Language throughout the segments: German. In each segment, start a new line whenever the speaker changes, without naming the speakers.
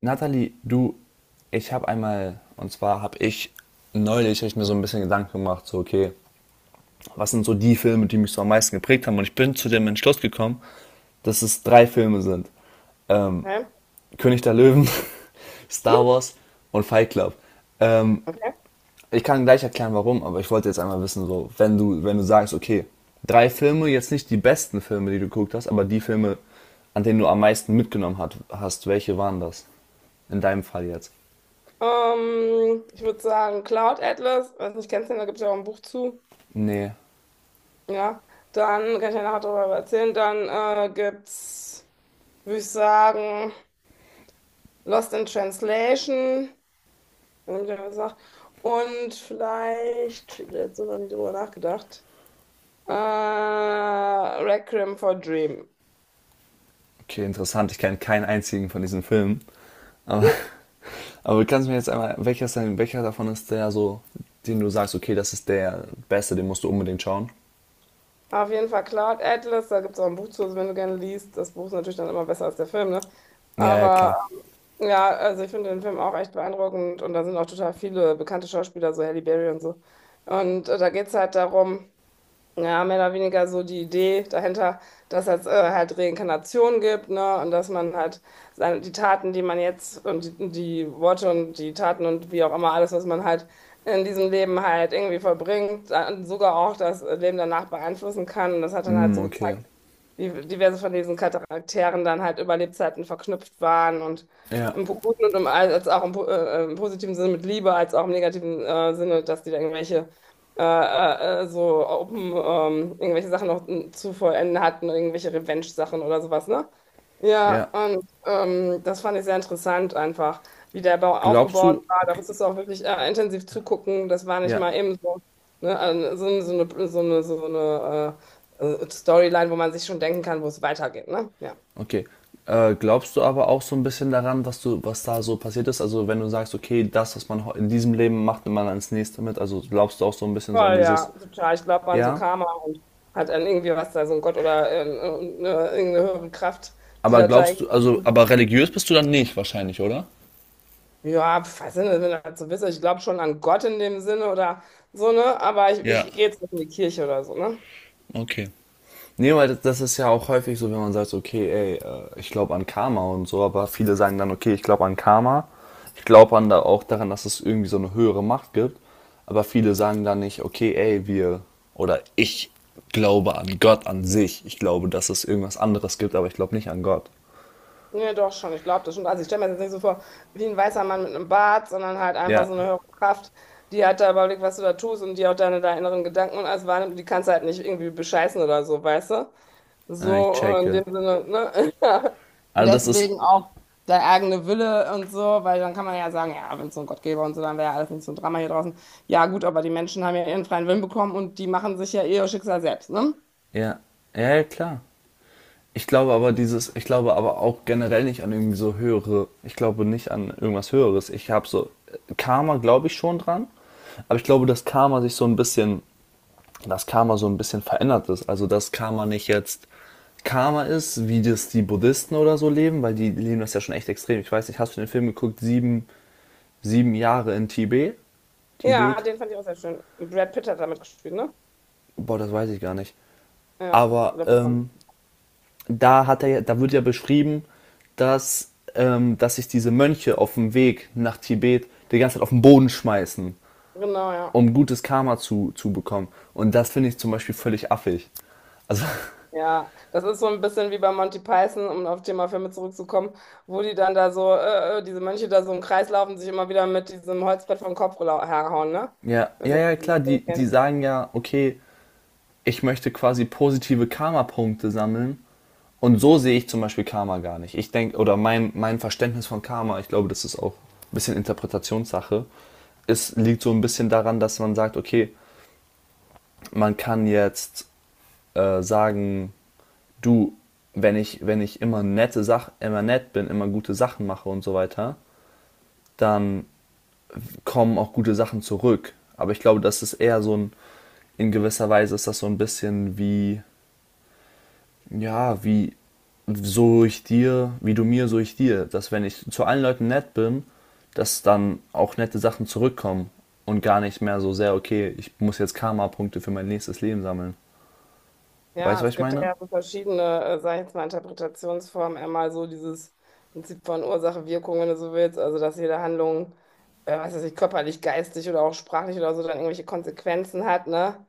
Nathalie, du, ich habe einmal, und zwar habe ich neulich hab ich mir so ein bisschen Gedanken gemacht, so okay, was sind so die Filme, die mich so am meisten geprägt haben? Und ich bin zu dem Entschluss gekommen, dass es drei Filme sind. Ähm,
Okay.
König der Löwen, Star Wars und Fight Club. Ähm,
Okay.
ich kann gleich erklären, warum, aber ich wollte jetzt einmal wissen, so, wenn du sagst, okay, drei Filme, jetzt nicht die besten Filme, die du geguckt hast, aber die Filme, an denen du am meisten hast, welche waren das? In deinem Fall jetzt.
Ich würde sagen Cloud Atlas, weiß nicht, kennst du den, da gibt es ja auch ein Buch zu.
Nee.
Ja, dann kann ich ja nachher darüber erzählen. Dann gibt's, würde ich sagen, Lost in Translation, wenn ich das gesagt. Und vielleicht, ich habe jetzt so noch nie drüber nachgedacht. Requiem for Dream.
Okay, interessant. Ich kenne keinen einzigen von diesen Filmen. Aber kannst du mir jetzt einmal, welcher davon ist der so, den du sagst, okay, das ist der beste, den musst du unbedingt schauen?
Auf jeden Fall Cloud Atlas, da gibt es auch ein Buch zu, also wenn du gerne liest. Das Buch ist natürlich dann immer besser als der Film, ne?
Ja, ja,
Aber
klar.
ja, also ich finde den Film auch echt beeindruckend und da sind auch total viele bekannte Schauspieler, so Halle Berry und so. Und da geht es halt darum, ja, mehr oder weniger so die Idee dahinter, dass es halt Reinkarnation gibt, ne? Und dass man halt seine, die Taten, die man jetzt und die Worte und die Taten und wie auch immer alles, was man halt in diesem Leben halt irgendwie verbringt, dann sogar auch das Leben danach beeinflussen kann. Und das hat dann halt
Hm,
so
okay.
gezeigt, die diverse von diesen Charakteren dann halt über Lebzeiten verknüpft waren und
Ja.
im guten und im, als auch im, im positiven Sinne mit Liebe, als auch im negativen Sinne, dass die da irgendwelche so open, irgendwelche Sachen noch zu vollenden hatten, irgendwelche Revenge-Sachen oder sowas, ne? Ja,
Ja.
und das fand ich sehr interessant einfach, wie der Bau
Glaubst
aufgebaut
du,
war. Da musstest du auch wirklich intensiv zugucken. Das war nicht
ja,
mal eben so, ne? So, so eine Storyline, wo man sich schon denken kann, wo es weitergeht, ne? Ja.
okay. Glaubst du aber auch so ein bisschen daran, was da so passiert ist? Also wenn du sagst, okay, das, was man in diesem Leben macht, nimmt man ans nächste mit. Also glaubst du auch so ein bisschen so an
Voll, ja,
dieses,
total. Ich glaube an so
ja.
Karma und hat an irgendwie was da, so ein Gott oder irgendeine höhere Kraft, die
Aber
das da
glaubst du, also,
irgendwie.
aber religiös bist du dann nicht wahrscheinlich, oder?
Ja, was Sinn, wenn das so ist. Ich glaube schon an Gott in dem Sinne oder so, ne? Aber ich,
Ja,
ich gehe jetzt nicht in die Kirche oder so, ne?
okay. Nee, weil das ist ja auch häufig so, wenn man sagt, so, okay, ey, ich glaube an Karma und so, aber viele sagen dann, okay, ich glaube an Karma, ich glaube an da auch daran, dass es irgendwie so eine höhere Macht gibt, aber viele sagen dann nicht, okay, ey, wir oder ich glaube an Gott an sich, ich glaube, dass es irgendwas anderes gibt, aber ich glaube nicht an Gott.
Ja, doch schon, ich glaube das schon. Also ich stelle mir das jetzt nicht so vor wie ein weißer Mann mit einem Bart, sondern halt einfach so eine
Ja,
höhere Kraft, die hat da überblickt, was du da tust und die auch deine inneren Gedanken und alles wahrnimmt. Die kannst du halt nicht irgendwie bescheißen oder so, weißt du? So
ich
in
checke.
dem Sinne, ne? Und
Also das ist,
deswegen auch der eigene Wille und so, weil dann kann man ja sagen, ja, wenn es so einen Gott gäbe und so, dann wäre ja alles nicht so ein Drama hier draußen. Ja, gut, aber die Menschen haben ja ihren freien Willen bekommen und die machen sich ja eh ihr Schicksal selbst, ne?
ja, ja, ja, klar. Ich glaube aber auch generell nicht an irgendwie so höhere, ich glaube nicht an irgendwas Höheres. Ich habe so, Karma glaube ich schon dran, aber ich glaube, dass Karma sich so ein bisschen, dass Karma so ein bisschen verändert ist. Also, dass Karma nicht jetzt Karma ist, wie das die Buddhisten oder so leben, weil die leben das ja schon echt extrem. Ich weiß nicht, hast du den Film geguckt, sieben Jahre in Tibet?
Ja,
Tibet?
den fand ich auch sehr schön. Brad Pitt hat damit gespielt, ne?
Boah, das weiß ich gar nicht.
Ja, ich
Aber
glaub schon.
da hat er, da wird ja beschrieben, dass sich diese Mönche auf dem Weg nach Tibet die ganze Zeit auf den Boden schmeißen,
Genau, ja.
um gutes Karma zu bekommen. Und das finde ich zum Beispiel völlig affig. Also,
Ja, das ist so ein bisschen wie bei Monty Python, um auf Thema Filme zurückzukommen, wo die dann da so, diese Mönche da so im Kreis laufen, sich immer wieder mit diesem Holzbrett vom Kopf herhauen, ne?
ja,
Ich weiß
ja,
nicht,
ja,
ob du das
klar,
Ding
die
kennst.
sagen ja, okay, ich möchte quasi positive Karma-Punkte sammeln. Und so sehe ich zum Beispiel Karma gar nicht. Ich denke, mein Verständnis von Karma, ich glaube, das ist auch ein bisschen Interpretationssache. Es liegt so ein bisschen daran, dass man sagt, okay, man kann jetzt sagen, du, wenn ich immer nette Sach immer nett bin, immer gute Sachen mache und so weiter, dann kommen auch gute Sachen zurück. Aber ich glaube, das ist eher so ein, in gewisser Weise ist das so ein bisschen wie, ja, wie so ich dir, so ich dir. Dass wenn ich zu allen Leuten nett bin, dass dann auch nette Sachen zurückkommen und gar nicht mehr so sehr, okay, ich muss jetzt Karma-Punkte für mein nächstes Leben sammeln. Weißt
Ja,
du, was
es
ich
gibt
meine?
ja so verschiedene, sag ich jetzt mal, Interpretationsformen. Einmal so dieses Prinzip von Ursache-Wirkung, wenn du so willst. Also, dass jede Handlung, was weiß ich, körperlich, geistig oder auch sprachlich oder so, dann irgendwelche Konsequenzen hat, ne?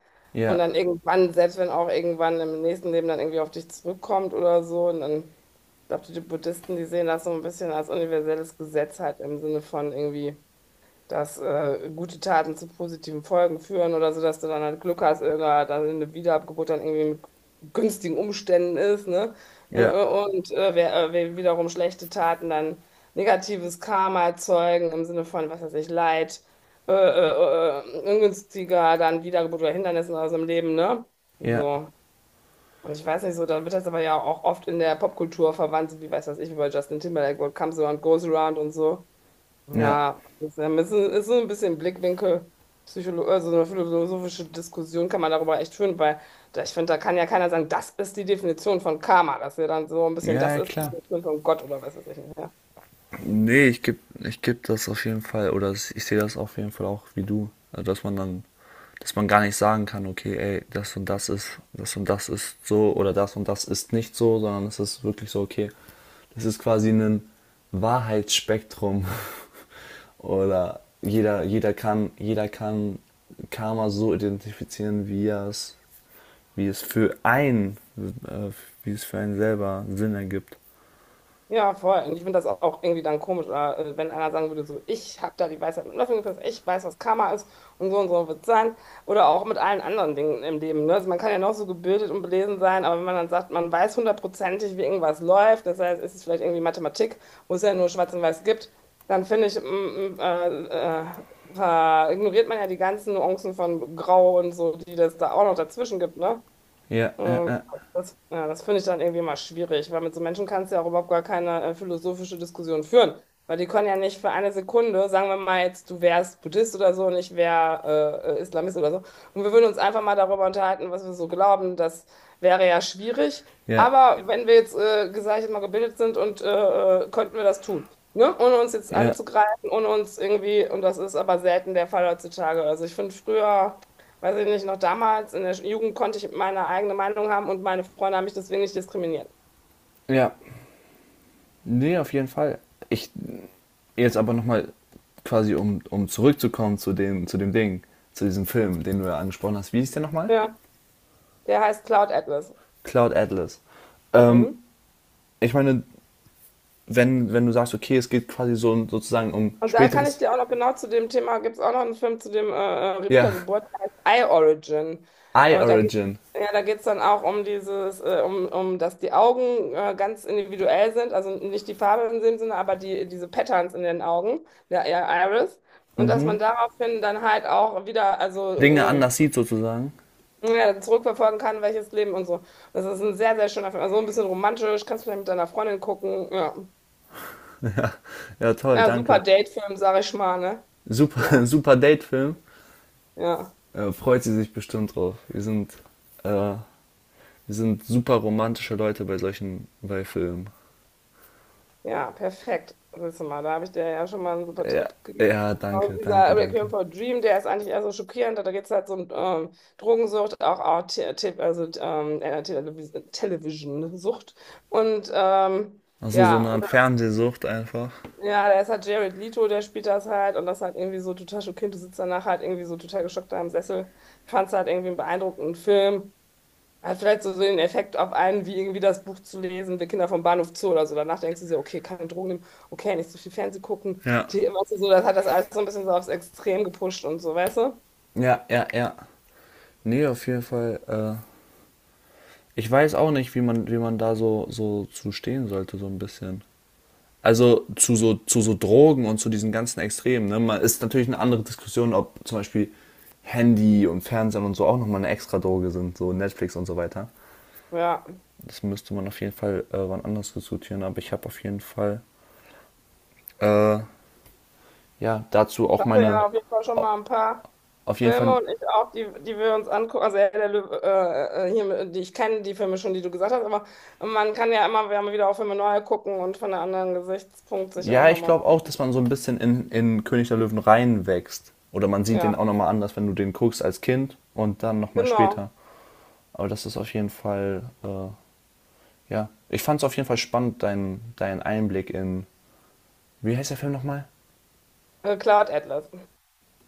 Und
Ja,
dann irgendwann, selbst wenn auch irgendwann im nächsten Leben dann irgendwie auf dich zurückkommt oder so. Und dann, ich glaube, die Buddhisten, die sehen das so ein bisschen als universelles Gesetz halt im Sinne von irgendwie dass gute Taten zu positiven Folgen führen oder so, dass du dann halt Glück hast, da dann eine Wiedergeburt dann irgendwie mit günstigen Umständen ist, ne?
ja,
Und wer wiederum schlechte Taten dann negatives Karma erzeugen im Sinne von, was weiß ich, Leid, ungünstiger dann Wiedergeburt oder Hindernissen aus dem Leben, ne?
ja,
So. Und ich weiß nicht so, dann wird das aber ja auch oft in der Popkultur verwandt, so wie, weiß was ich, wie bei Justin Timberlake, What Comes Around Goes Around und so.
ja.
Ja, das ist ein, ist so ein bisschen Blickwinkel, Psycholo also eine philosophische Diskussion kann man darüber echt führen, weil da, ich finde, da kann ja keiner sagen, das ist die Definition von Karma, dass wir dann so ein bisschen,
Ja,
das
ja,
ist die
klar.
Definition von Gott oder was weiß ich nicht. Ja.
Nee, ich geb das auf jeden Fall, ich sehe das auf jeden Fall auch wie du. Also, dass man dann, dass man gar nicht sagen kann, okay, ey, das und das ist so oder das und das ist nicht so, sondern es ist wirklich so, okay, das ist quasi ein Wahrheitsspektrum. Oder jeder kann Karma so identifizieren, wie es für einen, äh, wie es für einen selber Sinn ergibt.
Ja, voll. Und ich finde das auch irgendwie dann komisch, oder, wenn einer sagen würde, so, ich habe da die Weisheit mit Löffeln gefressen, ich weiß, was Karma ist und so wird es sein. Oder auch mit allen anderen Dingen im Leben. Ne? Also man kann ja noch so gebildet und belesen sein, aber wenn man dann sagt, man weiß hundertprozentig, wie irgendwas läuft, das heißt, ist es vielleicht irgendwie Mathematik, wo es ja nur Schwarz und Weiß gibt, dann finde ich, mm, äh, äh, ignoriert man ja die ganzen Nuancen von Grau und so, die das da auch noch dazwischen gibt, ne?
Ja, ja,
Mm,
ja.
Das, ja, das finde ich dann irgendwie mal schwierig, weil mit so Menschen kannst du ja auch überhaupt gar keine philosophische Diskussion führen, weil die können ja nicht für eine Sekunde, sagen wir mal jetzt, du wärst Buddhist oder so und ich wäre Islamist oder so, und wir würden uns einfach mal darüber unterhalten, was wir so glauben, das wäre ja schwierig,
Ja.
aber wenn wir jetzt, sag ich mal, gebildet sind und könnten wir das tun, ne? Ohne uns jetzt
Ja,
anzugreifen, ohne uns irgendwie, und das ist aber selten der Fall heutzutage, also ich finde früher... Weiß ich nicht, noch damals in der Jugend konnte ich meine eigene Meinung haben und meine Freunde haben mich deswegen nicht diskriminiert.
ja. Nee, auf jeden Fall. Ich jetzt aber nochmal quasi, um zurückzukommen zu dem, zu diesem Film, den du ja angesprochen hast. Wie hieß der nochmal?
Ja, der heißt Cloud Atlas.
Cloud Atlas. Ähm,
Mhm.
ich meine, wenn du sagst, okay, es geht quasi so sozusagen um
Und da kann ich
späteres,
dir auch noch genau zu dem Thema, gibt es auch noch einen Film zu dem
ja,
Wiedergeburt, der heißt Eye Origin.
Eye
Äh, da geht,
Origin.
ja, da geht's dann auch um dieses, dass die Augen ganz individuell sind, also nicht die Farbe in dem Sinne, aber die, diese Patterns in den Augen, der Iris. Und dass man daraufhin dann halt auch wieder, also
Dinge anders sieht sozusagen.
ja, zurückverfolgen kann, welches Leben und so. Das ist ein sehr, sehr schöner Film. Also ein bisschen romantisch, kannst du vielleicht mit deiner Freundin gucken. Ja,
Ja, toll,
ja super
danke.
Date-Film, sag ich mal, ne? Ja,
Super, super Date-Film.
ja,
Freut sie sich bestimmt drauf. Äh, wir sind super romantische Leute bei bei Filmen.
ja, perfekt. Siehst du mal, da habe ich dir ja schon mal einen super
Ja,
Tipp gegeben.
ja, danke,
Und
danke,
dieser
danke.
Requiem for a Dream, der ist eigentlich eher so schockierend, da geht es halt so um Drogensucht, auch, auch also, Television-Sucht. Und
Also so eine
ja,
Art Fernsehsucht einfach.
ja, da ist halt Jared Leto, der spielt das halt und das halt irgendwie so total schockierend. Du sitzt danach halt irgendwie so total geschockt da im Sessel. Ich fand es halt irgendwie einen beeindruckenden Film. Hat vielleicht so so den Effekt auf einen, wie irgendwie das Buch zu lesen, Wir Kinder vom Bahnhof Zoo oder so. Danach denkst du dir, okay, keine Drogen nehmen, okay, nicht so viel Fernsehen gucken.
Ja.
Die, weißt du, so, das hat das alles so ein bisschen so aufs Extrem gepusht und so, weißt du?
Ja, ja, ja. Nee, auf jeden Fall. Ich weiß auch nicht, wie man da so, so zu stehen sollte, so ein bisschen. Also zu so Drogen und zu diesen ganzen Extremen. Ne? Man ist natürlich eine andere Diskussion, ob zum Beispiel Handy und Fernsehen und so auch nochmal eine extra Droge sind, so Netflix und so weiter.
Ja.
Das müsste man auf jeden Fall wann anders diskutieren, aber ich habe auf jeden Fall äh, ja dazu auch
Also
meine
ja, auf jeden Fall schon mal ein paar
auf jeden Fall
Filme und ich auch, die, die wir uns angucken. Also Herr der Löwe, hier, die ich kenne, die Filme schon, die du gesagt hast, aber man kann ja immer, wir haben wieder auch Filme neu gucken und von einem anderen Gesichtspunkt sich auch
Ja, ich
nochmal.
glaube auch, dass man so ein bisschen in König der Löwen reinwächst. Oder man sieht den
Ja,
auch nochmal anders, wenn du den guckst als Kind und dann nochmal später.
genau.
Aber das ist auf jeden Fall, ja. Ich fand es auf jeden Fall spannend, dein Einblick in, wie heißt der Film nochmal?
Cloud Atlas.